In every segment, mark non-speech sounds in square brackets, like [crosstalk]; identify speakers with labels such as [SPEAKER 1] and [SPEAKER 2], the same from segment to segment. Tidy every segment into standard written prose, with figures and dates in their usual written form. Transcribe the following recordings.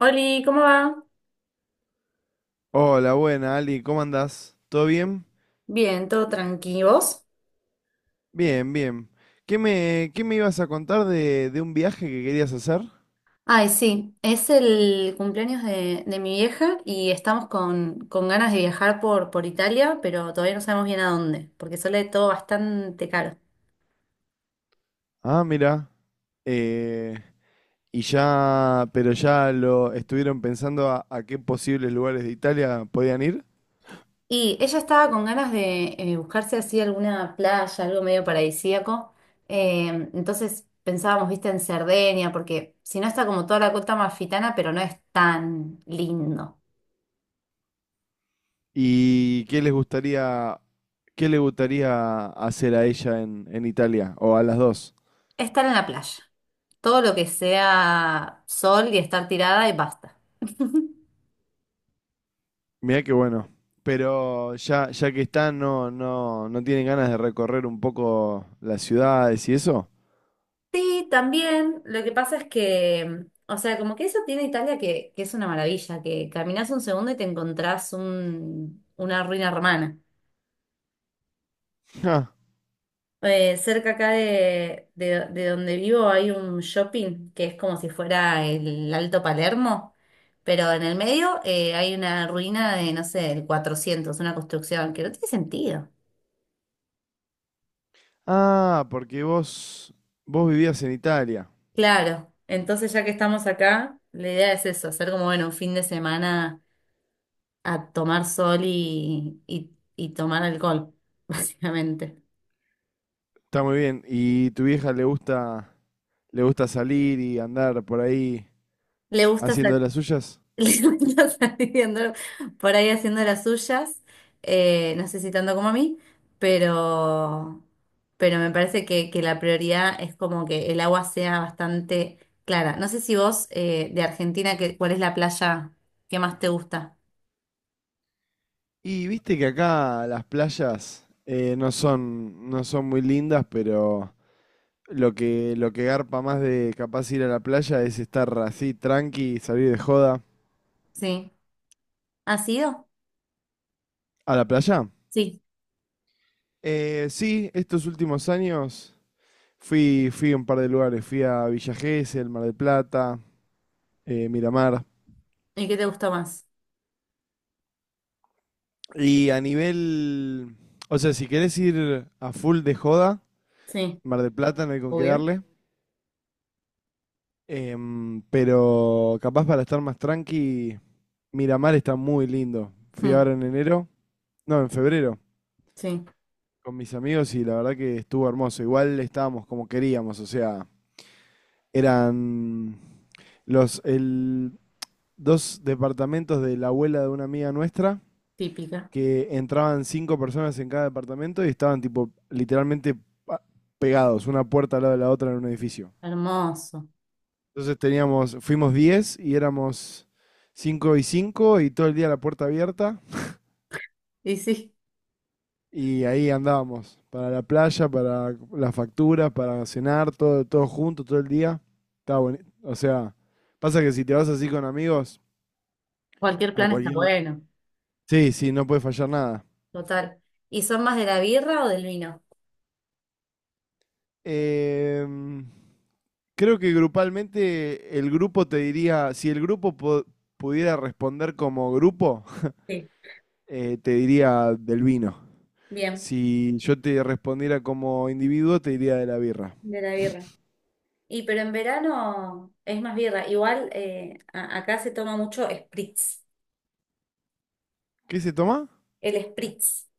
[SPEAKER 1] Oli, ¿cómo va?
[SPEAKER 2] Hola, buena, Ali, ¿cómo andás? ¿Todo bien?
[SPEAKER 1] Bien, todo tranquilos.
[SPEAKER 2] Bien, bien. ¿Qué me ibas a contar de un viaje que querías hacer?
[SPEAKER 1] Ay, sí, es el cumpleaños de mi vieja y estamos con ganas de viajar por Italia, pero todavía no sabemos bien a dónde, porque sale todo bastante caro.
[SPEAKER 2] Ah, mira. Eh, y ya, pero ya lo estuvieron pensando a qué posibles lugares de Italia podían ir
[SPEAKER 1] Y ella estaba con ganas de buscarse así alguna playa, algo medio paradisíaco. Eh, entonces pensábamos, viste, en Cerdeña, porque si no está como toda la costa amalfitana, pero no es tan lindo.
[SPEAKER 2] y qué les gustaría, qué le gustaría hacer a ella en Italia o a las dos.
[SPEAKER 1] Estar en la playa. Todo lo que sea sol y estar tirada y basta. [laughs]
[SPEAKER 2] Mirá qué bueno. Pero ya, ya que están, no, no, no tienen ganas de recorrer un poco las ciudades y eso.
[SPEAKER 1] Sí, también. Lo que pasa es que, o sea, como que eso tiene Italia, que es una maravilla, que caminás un segundo y te encontrás una ruina romana.
[SPEAKER 2] Ja.
[SPEAKER 1] Cerca acá de donde vivo hay un shopping que es como si fuera el Alto Palermo, pero en el medio hay una ruina de, no sé, del 400, una construcción que no tiene sentido.
[SPEAKER 2] Ah, porque vos, vos vivías en Italia.
[SPEAKER 1] Claro, entonces ya que estamos acá, la idea es eso, hacer como, bueno, un fin de semana a tomar sol y tomar alcohol, [laughs] básicamente.
[SPEAKER 2] Está muy bien. ¿Y tu vieja le gusta salir y andar por ahí
[SPEAKER 1] Le gusta, sa-
[SPEAKER 2] haciendo de las suyas?
[SPEAKER 1] [laughs] le gusta salir andar por ahí haciendo las suyas, no sé si tanto como a mí, pero, pero me parece que la prioridad es como que el agua sea bastante clara. No sé si vos, de Argentina, que, ¿cuál es la playa que más te gusta?
[SPEAKER 2] Y viste que acá las playas no son, no son muy lindas, pero lo que garpa más de capaz ir a la playa es estar así tranqui, salir de joda.
[SPEAKER 1] ¿Sí? ¿Has ido?
[SPEAKER 2] ¿A la playa?
[SPEAKER 1] Sí.
[SPEAKER 2] Sí, estos últimos años fui, fui a un par de lugares. Fui a Villa Gesell, Mar del Plata, Miramar.
[SPEAKER 1] ¿Y qué te gusta más?
[SPEAKER 2] Y a nivel, o sea, si querés ir a full de joda,
[SPEAKER 1] Sí,
[SPEAKER 2] Mar del Plata no hay con qué
[SPEAKER 1] obvio.
[SPEAKER 2] darle. Pero capaz para estar más tranqui, Miramar está muy lindo. Fui
[SPEAKER 1] Mm,
[SPEAKER 2] ahora en enero, no, en febrero,
[SPEAKER 1] sí,
[SPEAKER 2] con mis amigos y la verdad que estuvo hermoso. Igual estábamos como queríamos, o sea, eran los el, dos departamentos de la abuela de una amiga nuestra
[SPEAKER 1] típica.
[SPEAKER 2] que entraban 5 personas en cada departamento y estaban tipo literalmente pa- pegados, una puerta al lado de la otra en un edificio.
[SPEAKER 1] Hermoso.
[SPEAKER 2] Entonces teníamos, fuimos 10 y éramos 5 y 5 y todo el día la puerta abierta
[SPEAKER 1] Y sí,
[SPEAKER 2] y ahí andábamos, para la playa, para las facturas, para cenar, todo, todo junto, todo el día. Estaba bueno. O sea, pasa que si te vas así con amigos,
[SPEAKER 1] cualquier
[SPEAKER 2] a
[SPEAKER 1] plan está
[SPEAKER 2] cualquier... la-
[SPEAKER 1] bueno.
[SPEAKER 2] Sí, sí, no puede fallar nada.
[SPEAKER 1] Total. ¿Y son más de la birra o del vino?
[SPEAKER 2] Em, Creo que grupalmente el grupo te diría, si el grupo pudiera responder como grupo,
[SPEAKER 1] Sí,
[SPEAKER 2] te diría del vino.
[SPEAKER 1] bien,
[SPEAKER 2] Si yo te respondiera como individuo, te diría de la birra.
[SPEAKER 1] de la birra. Y pero en verano es más birra. Igual acá se toma mucho spritz.
[SPEAKER 2] ¿Qué se toma?
[SPEAKER 1] El spritz,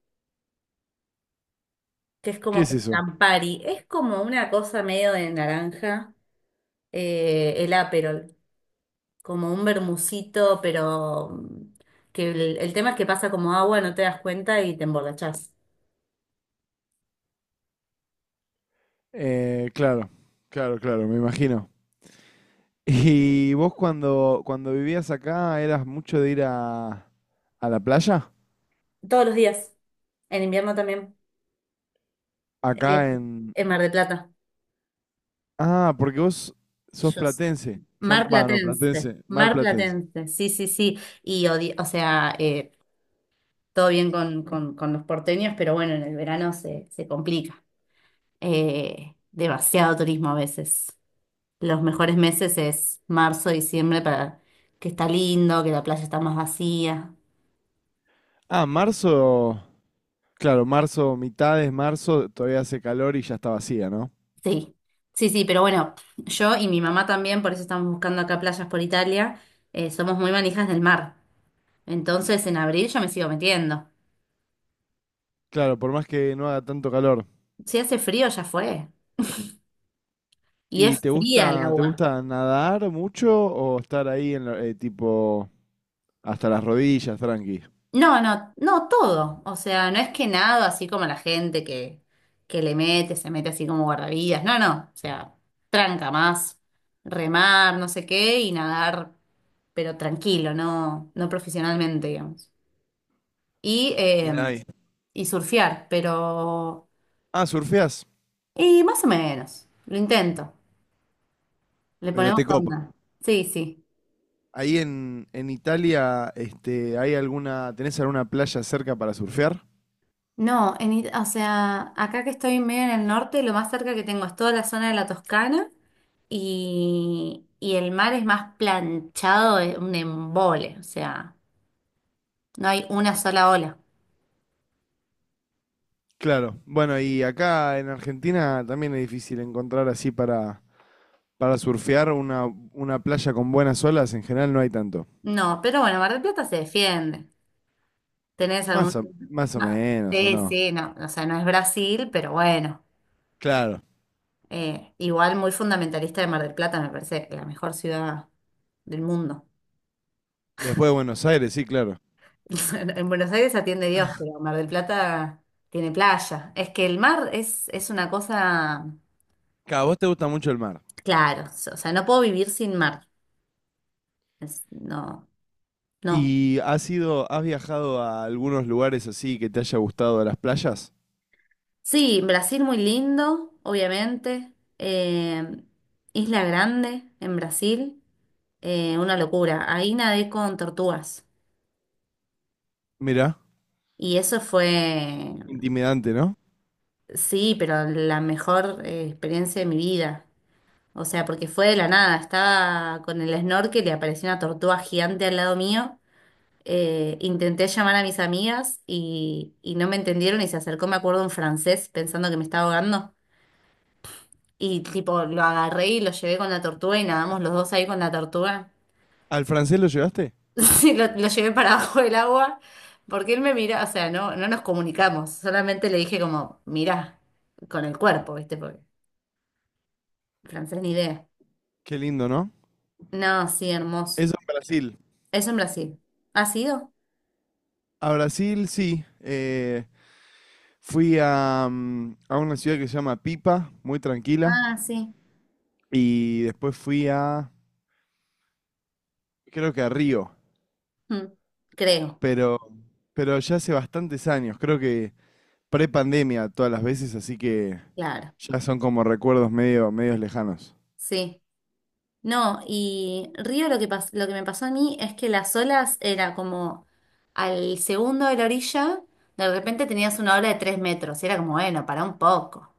[SPEAKER 1] que es
[SPEAKER 2] ¿Qué
[SPEAKER 1] como
[SPEAKER 2] es
[SPEAKER 1] con
[SPEAKER 2] eso?
[SPEAKER 1] Campari. Es como una cosa medio de naranja, el Aperol. Como un vermucito, pero que el tema es que pasa como agua, no te das cuenta y te emborrachás.
[SPEAKER 2] Claro, claro, claro, me imagino. [laughs] ¿Y vos cuando, cuando vivías acá eras mucho de ir a la playa?
[SPEAKER 1] Todos los días, en invierno también, eh,
[SPEAKER 2] Acá en...
[SPEAKER 1] en Mar de Plata.
[SPEAKER 2] Ah, porque vos sos
[SPEAKER 1] Yo s-
[SPEAKER 2] platense. Son,
[SPEAKER 1] Mar
[SPEAKER 2] va, no,
[SPEAKER 1] Platense,
[SPEAKER 2] platense, mar
[SPEAKER 1] Mar
[SPEAKER 2] platense.
[SPEAKER 1] Platense, sí, sí, sí. Y, o sea, todo bien con los porteños, pero bueno, en el verano se complica. Demasiado turismo a veces. Los mejores meses es marzo, diciembre, para que está lindo, que la playa está más vacía.
[SPEAKER 2] Ah, marzo... Claro, marzo, mitades, marzo, todavía hace calor y ya está vacía, ¿no?
[SPEAKER 1] Sí, sí, sí, pero bueno, yo y mi mamá también, por eso estamos buscando acá playas por Italia, somos muy manijas del mar. Entonces en abril yo me sigo metiendo.
[SPEAKER 2] Claro, por más que no haga tanto calor.
[SPEAKER 1] Si hace frío ya fue. Y
[SPEAKER 2] ¿Y
[SPEAKER 1] es fría el
[SPEAKER 2] te
[SPEAKER 1] agua.
[SPEAKER 2] gusta nadar mucho o estar ahí en tipo hasta las rodillas, tranqui?
[SPEAKER 1] No, no, no todo. O sea, no es que nado así como la gente que le mete, se mete así como guardavidas. No, no. O sea, tranca más, remar, no sé qué, y nadar, pero tranquilo, no, no profesionalmente, digamos. Y eh,
[SPEAKER 2] Mirá ahí.
[SPEAKER 1] y surfear, pero...
[SPEAKER 2] Ah, surfeás,
[SPEAKER 1] Y más o menos, lo intento, le
[SPEAKER 2] pero
[SPEAKER 1] ponemos
[SPEAKER 2] te copa.
[SPEAKER 1] onda. Sí, sí.
[SPEAKER 2] Ahí en Italia, este, ¿hay alguna, tenés alguna playa cerca para surfear?
[SPEAKER 1] No, o sea, acá que estoy medio en el norte, lo más cerca que tengo es toda la zona de la Toscana y el mar es más planchado, es un embole, o sea, no hay una sola ola.
[SPEAKER 2] Claro. Bueno, y acá en Argentina también es difícil encontrar así para surfear una playa con buenas olas, en general no hay tanto.
[SPEAKER 1] No, pero bueno, Mar del Plata se defiende. ¿Tenés algún...?
[SPEAKER 2] Más o, más o
[SPEAKER 1] No,
[SPEAKER 2] menos, ¿o
[SPEAKER 1] sí,
[SPEAKER 2] no?
[SPEAKER 1] sí, no, o sea, no es Brasil, pero bueno.
[SPEAKER 2] Claro.
[SPEAKER 1] Igual muy fundamentalista de Mar del Plata, me parece la mejor ciudad del mundo.
[SPEAKER 2] Después de Buenos Aires, sí, claro.
[SPEAKER 1] [laughs] En Buenos Aires atiende Dios, pero Mar del Plata tiene playa. Es que el mar es una cosa,
[SPEAKER 2] Claro, a vos te gusta mucho el mar.
[SPEAKER 1] claro, o sea, no puedo vivir sin mar. No, no.
[SPEAKER 2] ¿Y has ido, has viajado a algunos lugares así que te haya gustado a las playas?
[SPEAKER 1] Sí, Brasil muy lindo, obviamente. Eh, Isla Grande en Brasil, una locura. Ahí nadé con tortugas.
[SPEAKER 2] Mirá,
[SPEAKER 1] Y eso fue.
[SPEAKER 2] intimidante, ¿no?
[SPEAKER 1] Sí, pero la mejor experiencia de mi vida. O sea, porque fue de la nada. Estaba con el snorkel y apareció una tortuga gigante al lado mío. Intenté llamar a mis amigas y no me entendieron y se acercó, me acuerdo, un francés pensando que me estaba ahogando. Y tipo, lo agarré y lo llevé con la tortuga y nadamos los dos ahí con la tortuga. [laughs]
[SPEAKER 2] ¿Al francés lo llevaste?
[SPEAKER 1] Sí, lo llevé para abajo del agua porque él me mira, o sea, no nos comunicamos. Solamente le dije como, mirá, con el cuerpo, ¿viste? Porque francés ni idea.
[SPEAKER 2] Qué lindo, ¿no?
[SPEAKER 1] No, sí, hermoso.
[SPEAKER 2] Eso en Brasil.
[SPEAKER 1] Eso en Brasil. ¿Ha sido?
[SPEAKER 2] A Brasil, sí. Fui a, a una ciudad que se llama Pipa, muy tranquila.
[SPEAKER 1] Ah, sí.
[SPEAKER 2] Y después fui a, creo que a Río,
[SPEAKER 1] Mm, creo,
[SPEAKER 2] pero, pero ya hace bastantes años, creo que pre-pandemia todas las veces, así que
[SPEAKER 1] claro.
[SPEAKER 2] ya son como recuerdos medio, medios lejanos.
[SPEAKER 1] Sí. No, y Río lo que me pasó a mí es que las olas era como al segundo de la orilla, de repente tenías una ola de 3 metros. Y era como, bueno, para un poco.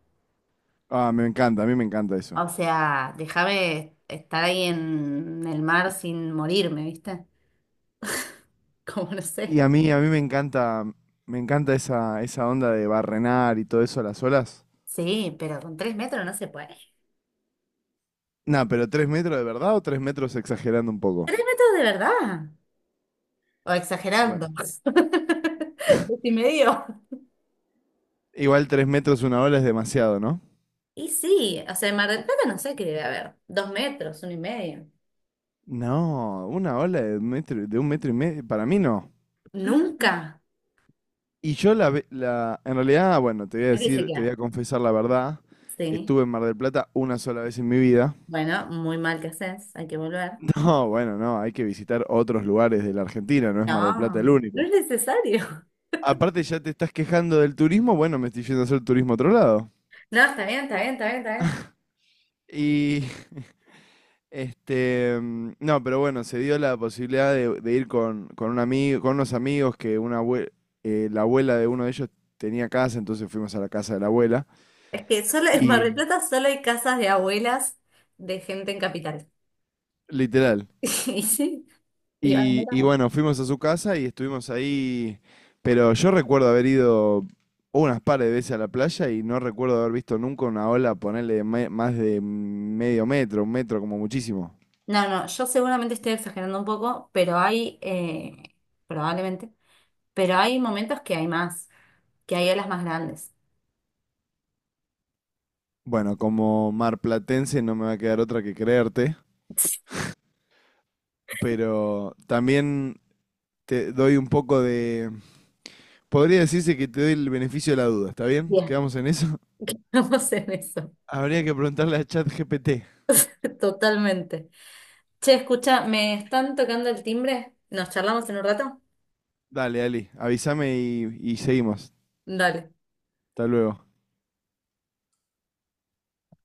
[SPEAKER 2] Ah, me encanta, a mí me encanta eso.
[SPEAKER 1] O sea, déjame estar ahí en el mar sin morirme, ¿viste? [laughs] Como no
[SPEAKER 2] Y
[SPEAKER 1] sé.
[SPEAKER 2] a mí me encanta esa, esa onda de barrenar y todo eso a las olas.
[SPEAKER 1] Sí, pero con 3 metros no se puede.
[SPEAKER 2] Nah, pero 3 metros de verdad o 3 metros exagerando un poco.
[SPEAKER 1] Esto es de verdad. O
[SPEAKER 2] Y
[SPEAKER 1] exagerando.
[SPEAKER 2] bueno,
[SPEAKER 1] [laughs] Decimedio.
[SPEAKER 2] igual 3 metros una ola es demasiado, ¿no?
[SPEAKER 1] Y sí, o sea, en Mar del Plata no sé qué debe haber. 2 metros, uno y medio.
[SPEAKER 2] No, una ola de, de un metro y medio, para mí no.
[SPEAKER 1] Nunca.
[SPEAKER 2] Y yo la, en realidad, bueno, te voy a
[SPEAKER 1] Aquí se
[SPEAKER 2] decir, te voy
[SPEAKER 1] queda.
[SPEAKER 2] a confesar la verdad,
[SPEAKER 1] Sí.
[SPEAKER 2] estuve en Mar del Plata una sola vez en mi vida.
[SPEAKER 1] Bueno, muy mal que haces, hay que volver.
[SPEAKER 2] No, bueno, no, hay que visitar otros lugares de la Argentina, no es Mar del Plata el
[SPEAKER 1] No, no
[SPEAKER 2] único.
[SPEAKER 1] es necesario.
[SPEAKER 2] Aparte ya te estás quejando del turismo, bueno, me estoy yendo a hacer turismo a otro lado.
[SPEAKER 1] No, está bien, está bien, está bien, está bien.
[SPEAKER 2] Y [laughs] este, no, pero bueno, se dio la posibilidad de ir con un amigo, con unos amigos que una la abuela de uno de ellos tenía casa, entonces fuimos a la casa de la abuela
[SPEAKER 1] Es que solo en Mar
[SPEAKER 2] y
[SPEAKER 1] del Plata solo hay casas de abuelas de gente en capital.
[SPEAKER 2] literal.
[SPEAKER 1] [laughs] Y sí. Y van en
[SPEAKER 2] Y
[SPEAKER 1] verano.
[SPEAKER 2] bueno, fuimos a su casa y estuvimos ahí, pero yo recuerdo haber ido unas par de veces a la playa y no recuerdo haber visto nunca una ola ponerle más de medio metro, un metro como muchísimo.
[SPEAKER 1] No, no, yo seguramente estoy exagerando un poco, pero hay, probablemente, pero hay momentos que hay más, que hay olas más grandes.
[SPEAKER 2] Bueno, como marplatense no me va a quedar otra que creerte, pero también te doy un poco de... Podría decirse que te doy el beneficio de la duda, ¿está bien?
[SPEAKER 1] Bien,
[SPEAKER 2] ¿Quedamos en eso?
[SPEAKER 1] [laughs] vamos en eso,
[SPEAKER 2] [laughs] Habría que preguntarle a ChatGPT.
[SPEAKER 1] totalmente. Che, escucha, ¿me están tocando el timbre? ¿Nos charlamos en un rato?
[SPEAKER 2] Dale, Ali, avísame y seguimos.
[SPEAKER 1] Dale.
[SPEAKER 2] Hasta luego.